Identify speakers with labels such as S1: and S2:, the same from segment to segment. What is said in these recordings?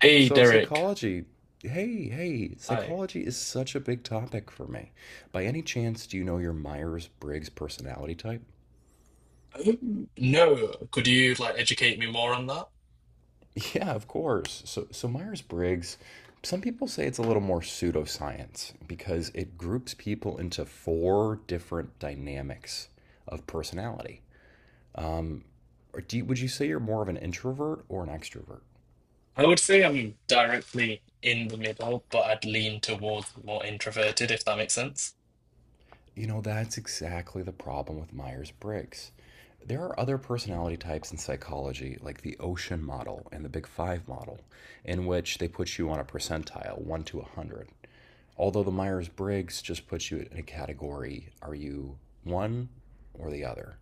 S1: Hey
S2: So,
S1: Derek,
S2: psychology,
S1: hi.
S2: psychology is such a big topic for me. By any chance, do you know your Myers-Briggs personality type?
S1: No, could you like educate me more on that?
S2: Yeah, of course. So Myers-Briggs, some people say it's a little more pseudoscience because it groups people into four different dynamics of personality. Or would you say you're more of an introvert or an extrovert?
S1: I would say I'm directly in the middle, but I'd lean towards more introverted, if that makes sense.
S2: You know, that's exactly the problem with Myers Briggs. There are other personality types in psychology, like the ocean model and the Big Five model, in which they put you on a percentile, 1 to 100. Although the Myers Briggs just puts you in a category, are you one or the other?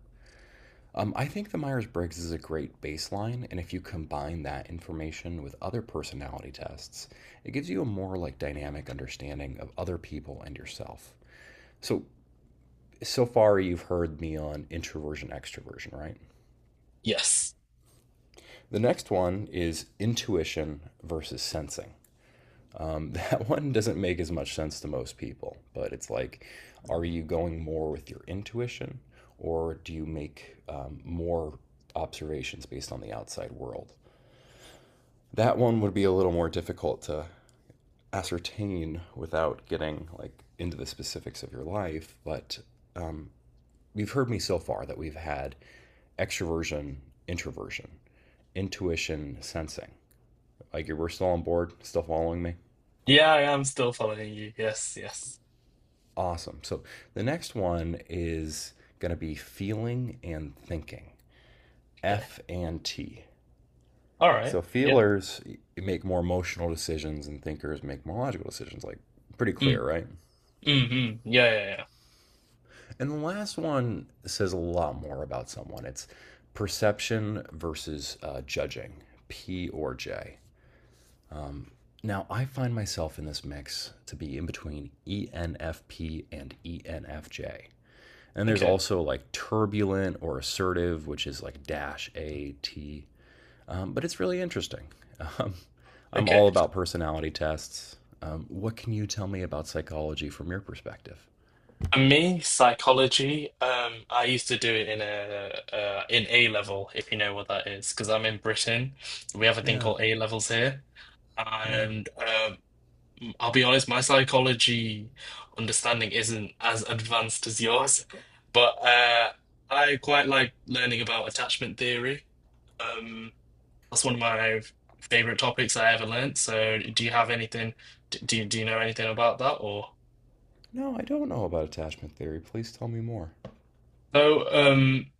S2: I think the Myers Briggs is a great baseline, and if you combine that information with other personality tests, it gives you a more like dynamic understanding of other people and yourself. So, so far, you've heard me on introversion, extroversion, right?
S1: Yes.
S2: The next one is intuition versus sensing. That one doesn't make as much sense to most people, but it's like, are you going more with your intuition or do you make more observations based on the outside world? That one would be a little more difficult to ascertain without getting like into the specifics of your life, but you've heard me so far that we've had extroversion, introversion, intuition sensing. Like we're still on board, still following me.
S1: Yeah, I am still following you. Yes, yes.
S2: Awesome. So the next one is going to be feeling and thinking,
S1: Okay.
S2: F and T.
S1: All right.
S2: So
S1: Yeah.
S2: feelers make more emotional decisions and thinkers make more logical decisions. Like pretty clear,
S1: Mm,
S2: right?
S1: mm, mm. Yeah, yeah,
S2: And the last one says a lot more about someone. It's perception versus judging, P or J. Now, I find myself in this mix to be in between ENFP and ENFJ. And
S1: yeah.
S2: there's
S1: Okay.
S2: also like turbulent or assertive, which is like dash A T. But it's really interesting. Um, I'm
S1: Okay.
S2: all about personality tests. What can you tell me about psychology from your perspective?
S1: For me, psychology, I used to do it in A level, if you know what that is, because I'm in Britain. We have a thing
S2: Yeah,
S1: called A levels here,
S2: yeah.
S1: and I'll be honest, my psychology understanding isn't as advanced as yours, but I quite like learning about attachment theory. Um, that's one of my favorite topics I ever learnt. So, do you have anything? Do you know anything about that or?
S2: No, I don't know about attachment theory. Please tell me more.
S1: So.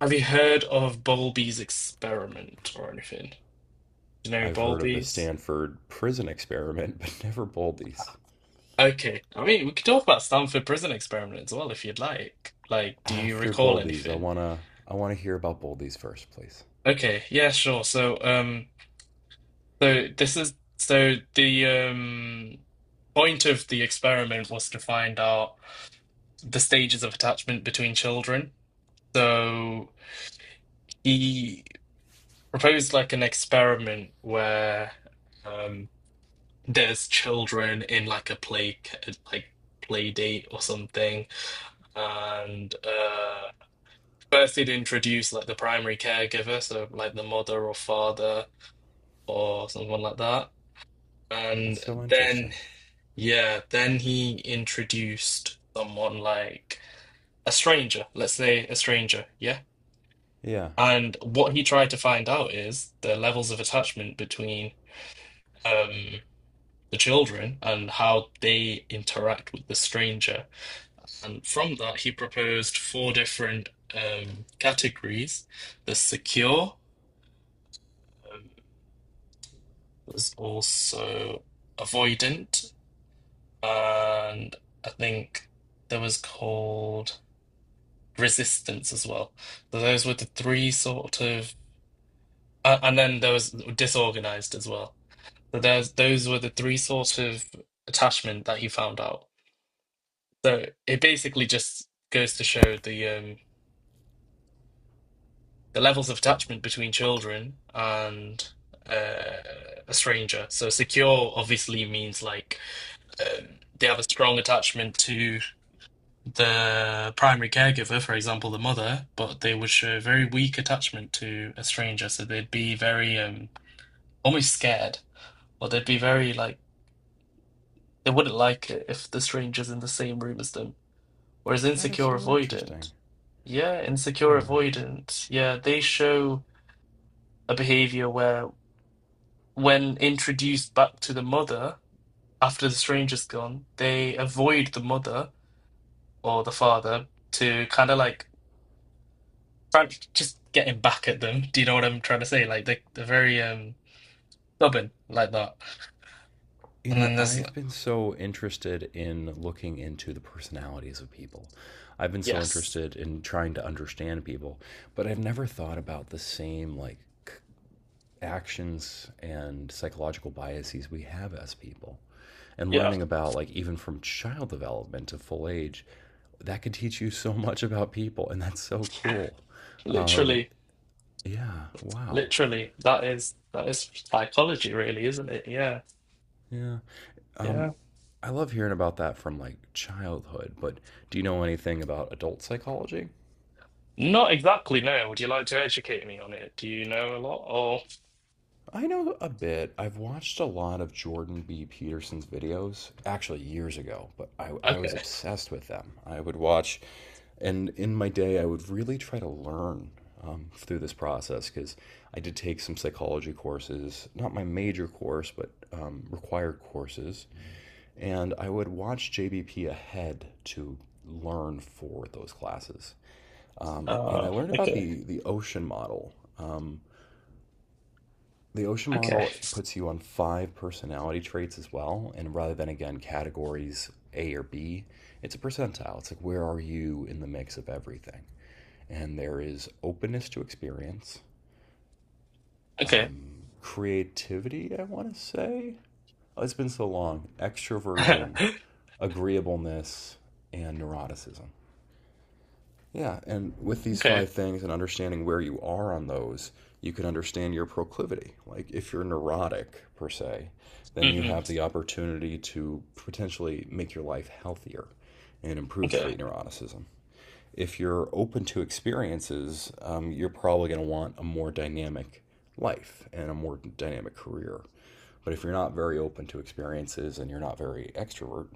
S1: Have you heard of Bowlby's experiment or anything? Do you know
S2: I've heard of the
S1: Bowlby's?
S2: Stanford prison experiment, but never Boldy's.
S1: Okay. I mean, we could talk about Stanford Prison Experiment as well if you'd like. Like, do you
S2: After
S1: recall
S2: Boldy's, I
S1: anything?
S2: wanna I wanna hear about Boldy's first, please.
S1: Okay, yeah, sure. So, this is so the point of the experiment was to find out the stages of attachment between children. So he proposed like an experiment where um there's children in like a like play date or something, and first they'd introduce like the primary caregiver, so like the mother or father or someone like that,
S2: That's
S1: and
S2: so
S1: then,
S2: interesting.
S1: yeah, then he introduced someone like a stranger, let's say a stranger, yeah.
S2: Yeah,
S1: And what he tried to find out is the levels of attachment between um the children and how they interact with the stranger. And from that, he proposed four different categories. The secure, um, was also avoidant, and I think there was called resistance as well. So those were the three sort of, and then there was disorganized as well. So there's those were the three sort of attachment that he found out. So it basically just goes to show the levels of attachment between children and uh, a stranger. So secure obviously means like they have a strong attachment to the primary caregiver, for example, the mother, but they would show very weak attachment to a stranger. So they'd be very almost scared, or they'd be very like they wouldn't like it if the stranger's in the same room as them. Whereas
S2: that is so interesting.
S1: insecure
S2: Yeah.
S1: avoidant, yeah, they show a behavior where. When introduced back to the mother after the stranger's gone, they avoid the mother or the father to kind of like try- just getting back at them. Do you know what I'm trying to say? Like they're very stubborn like that.
S2: You
S1: And then
S2: know,
S1: there's
S2: I've
S1: like,
S2: been so interested in looking into the personalities of people. I've been so
S1: yes,
S2: interested in trying to understand people, but I've never thought about the same like actions and psychological biases we have as people. And
S1: yeah,
S2: learning about like even from child development to full age, that could teach you so much about people, and that's so cool. um
S1: literally,
S2: yeah, wow.
S1: literally, that is psychology, really, isn't it? Yeah,
S2: Yeah. um
S1: yeah.
S2: I love hearing about that from like childhood, but do you know anything about adult psychology?
S1: Not exactly. No. Would you like to educate me on it? Do you know a lot? Or
S2: I know a bit. I've watched a lot of Jordan B. Peterson's videos, actually years ago, but I was
S1: okay.
S2: obsessed with them. I would watch, and in my day, I would really try to learn through this process because I did take some psychology courses, not my major course, but required courses. And I would watch JBP ahead to learn for those classes. And
S1: Uh,
S2: I learned about
S1: okay.
S2: the ocean model. The ocean
S1: Okay.
S2: model puts you on 5 personality traits as well, and rather than again categories a or b, it's a percentile. It's like, where are you in the mix of everything? And there is openness to experience,
S1: Okay.
S2: creativity, I want to say, oh, it's been so long, extroversion, agreeableness, and neuroticism. Yeah, and with these
S1: okay.
S2: five things and understanding where you are on those, you can understand your proclivity. Like if you're neurotic per se, then you
S1: Hmm.
S2: have the opportunity to potentially make your life healthier and improve
S1: Okay.
S2: trait neuroticism. If you're open to experiences, you're probably going to want a more dynamic life and a more dynamic career. But if you're not very open to experiences and you're not very extrovert,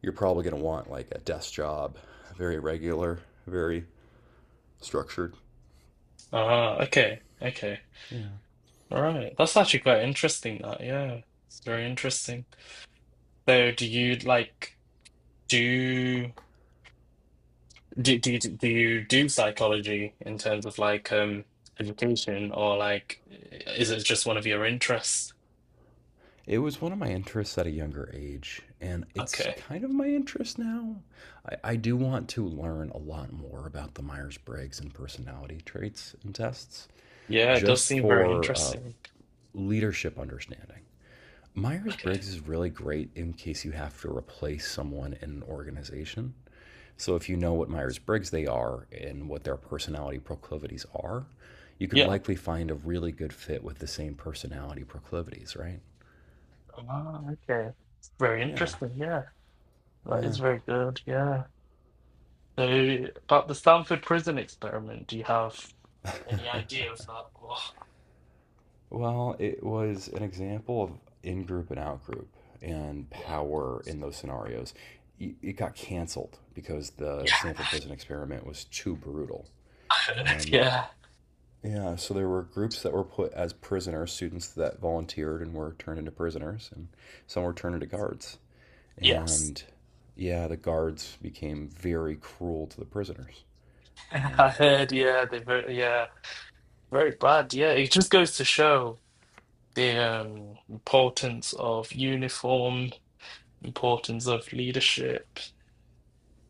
S2: you're probably going to want like a desk job, very regular, very structured.
S1: Ah, okay. Okay.
S2: Yeah.
S1: All right. That's actually quite interesting that. Yeah. It's very interesting. So do you like do do do you, do you do psychology in terms of like education or like is it just one of your interests?
S2: It was one of my interests at a younger age, and it's
S1: Okay.
S2: kind of my interest now. I do want to learn a lot more about the Myers Briggs and personality traits and tests
S1: Yeah, it does
S2: just
S1: seem very
S2: for
S1: interesting.
S2: leadership understanding. Myers
S1: Okay.
S2: Briggs is really great in case you have to replace someone in an organization. So, if you know what Myers Briggs they are and what their personality proclivities are, you could
S1: Yeah.
S2: likely find a really good fit with the same personality proclivities, right?
S1: Ah, okay. Very
S2: Yeah.
S1: interesting. Yeah. That
S2: Yeah.
S1: is very good. Yeah. So about the Stanford prison experiment, do you have any idea of that? Oh,
S2: Well, it was an example of in group and out group and
S1: yeah.
S2: power in those scenarios. It got canceled because the
S1: Yeah,
S2: Stanford prison experiment was too brutal.
S1: I heard, yeah,
S2: Yeah, so there were groups that were put as prisoners, students that volunteered and were turned into prisoners, and some were turned into guards.
S1: yes.
S2: And yeah, the guards became very cruel to the prisoners. Um,
S1: I heard, yeah, they very, yeah, very bad. Yeah, it just goes to show the importance of uniform, importance of leadership,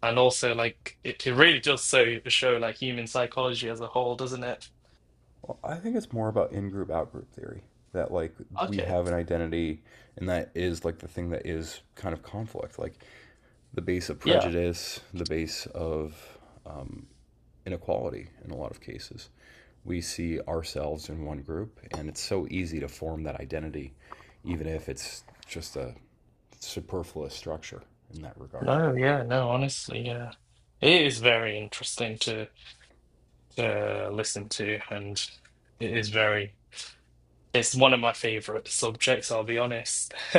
S1: and also like it really does so show like human psychology as a whole, doesn't it?
S2: Well, I think it's more about in-group, out-group theory. That like we
S1: Okay.
S2: have an identity, and that is like the thing that is kind of conflict, like the base of
S1: Yeah.
S2: prejudice, the base of um, inequality. In a lot of cases, we see ourselves in one group, and it's so easy to form that identity, even if it's just a superfluous structure in that regard.
S1: No. Yeah. No. Honestly. Yeah. It is very interesting to listen to, and it is very. It's one of my favorite subjects, I'll be honest.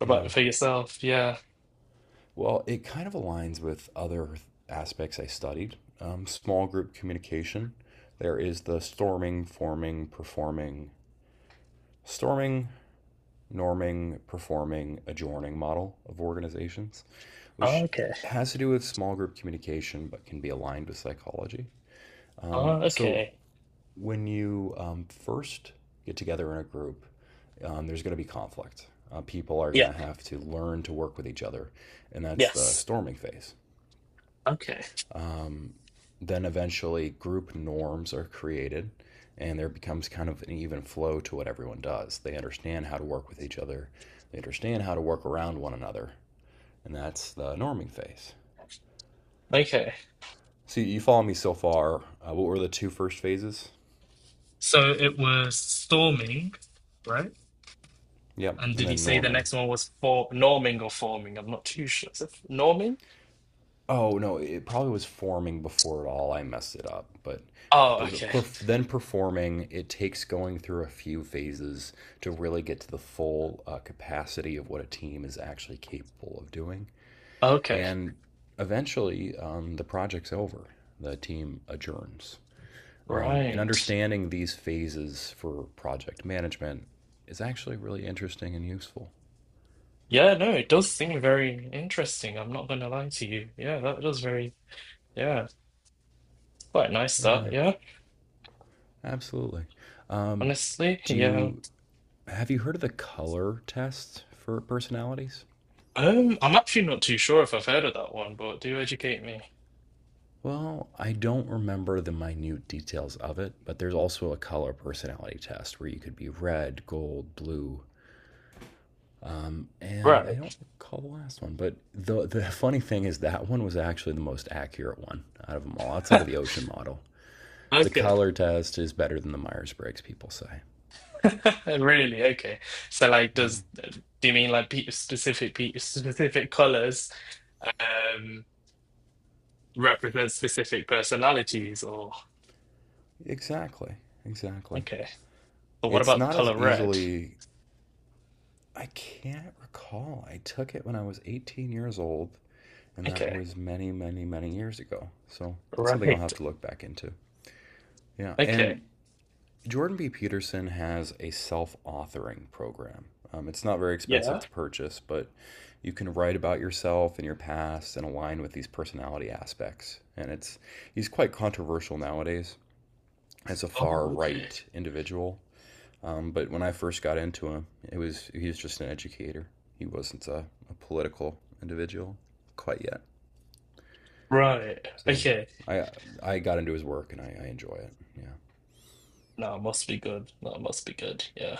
S1: What
S2: Yeah.
S1: about for yourself? Yeah.
S2: Well, it kind of aligns with other aspects I studied. Small group communication. There is the storming, forming, performing, storming, norming, performing, adjourning model of organizations, which
S1: Okay.
S2: has to do with small group communication but can be aligned with psychology. Um,
S1: Oh,
S2: so
S1: okay.
S2: when you first get together in a group, there's going to be conflict. People are going
S1: Yeah.
S2: to have to learn to work with each other, and that's the
S1: Yes.
S2: storming phase.
S1: Okay.
S2: Then eventually, group norms are created, and there becomes kind of an even flow to what everyone does. They understand how to work with each other, they understand how to work around one another, and that's the norming phase.
S1: Okay.
S2: So, you follow me so far. What were the two first phases?
S1: So it was storming, right?
S2: Yep,
S1: And
S2: and
S1: did he
S2: then
S1: say the
S2: norming.
S1: next one was for norming or forming? I'm not too sure. Is it norming?
S2: Oh, no, it probably was forming before it all. I messed it up, but
S1: Oh, okay.
S2: then performing, it takes going through a few phases to really get to the full capacity of what a team is actually capable of doing.
S1: Okay.
S2: And eventually, the project's over. The team adjourns. And
S1: Right.
S2: understanding these phases for project management is actually really interesting and useful.
S1: Yeah, no, it does seem very interesting. I'm not gonna lie to you. Yeah, that was very, yeah, quite nice
S2: Yeah,
S1: that, yeah,
S2: absolutely. Um,
S1: honestly.
S2: do
S1: Yeah.
S2: you have you heard of the color test for personalities?
S1: I'm actually not too sure if I've heard of that one, but do educate me.
S2: Well, I don't remember the minute details of it, but there's also a color personality test where you could be red, gold, blue, and I don't
S1: Right.
S2: recall the last one, but the funny thing is that one was actually the most accurate one out of them all, outside of the ocean model. The
S1: Okay.
S2: color test is better than the Myers Briggs, people say.
S1: Really? Okay. So, like,
S2: Yeah,
S1: does do you mean like pe specific colors um represent specific personalities, or
S2: exactly, exactly.
S1: okay? But what
S2: It's
S1: about the
S2: not as
S1: color red?
S2: easily. I can't recall. I took it when I was 18 years old, and that
S1: Okay.
S2: was many, many, many years ago. So it's something I'll
S1: Right.
S2: have to look back into. Yeah,
S1: Okay.
S2: and Jordan B. Peterson has a self authoring program. It's not very expensive
S1: Yeah.
S2: to purchase, but you can write about yourself and your past and align with these personality aspects. And it's, he's quite controversial nowadays as a far
S1: Oh, okay.
S2: right individual. But when I first got into him, it was he was just an educator. He wasn't a political individual quite yet.
S1: Right.
S2: So
S1: Okay.
S2: I I got into his work, and I enjoy it. Yeah.
S1: No, it must be good. No, it must be good. Yeah.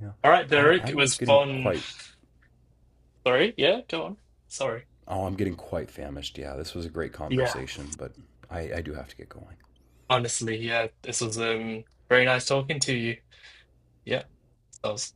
S2: Yeah.
S1: All right,
S2: I,
S1: Derek. It
S2: I'm
S1: was
S2: getting
S1: fun.
S2: quite
S1: Sorry. Yeah. Go on. Sorry.
S2: Oh, I'm getting quite famished. Yeah, this was a great
S1: Yeah.
S2: conversation, but I do have to get going.
S1: Honestly, yeah, this was very nice talking to you. Yeah, that was.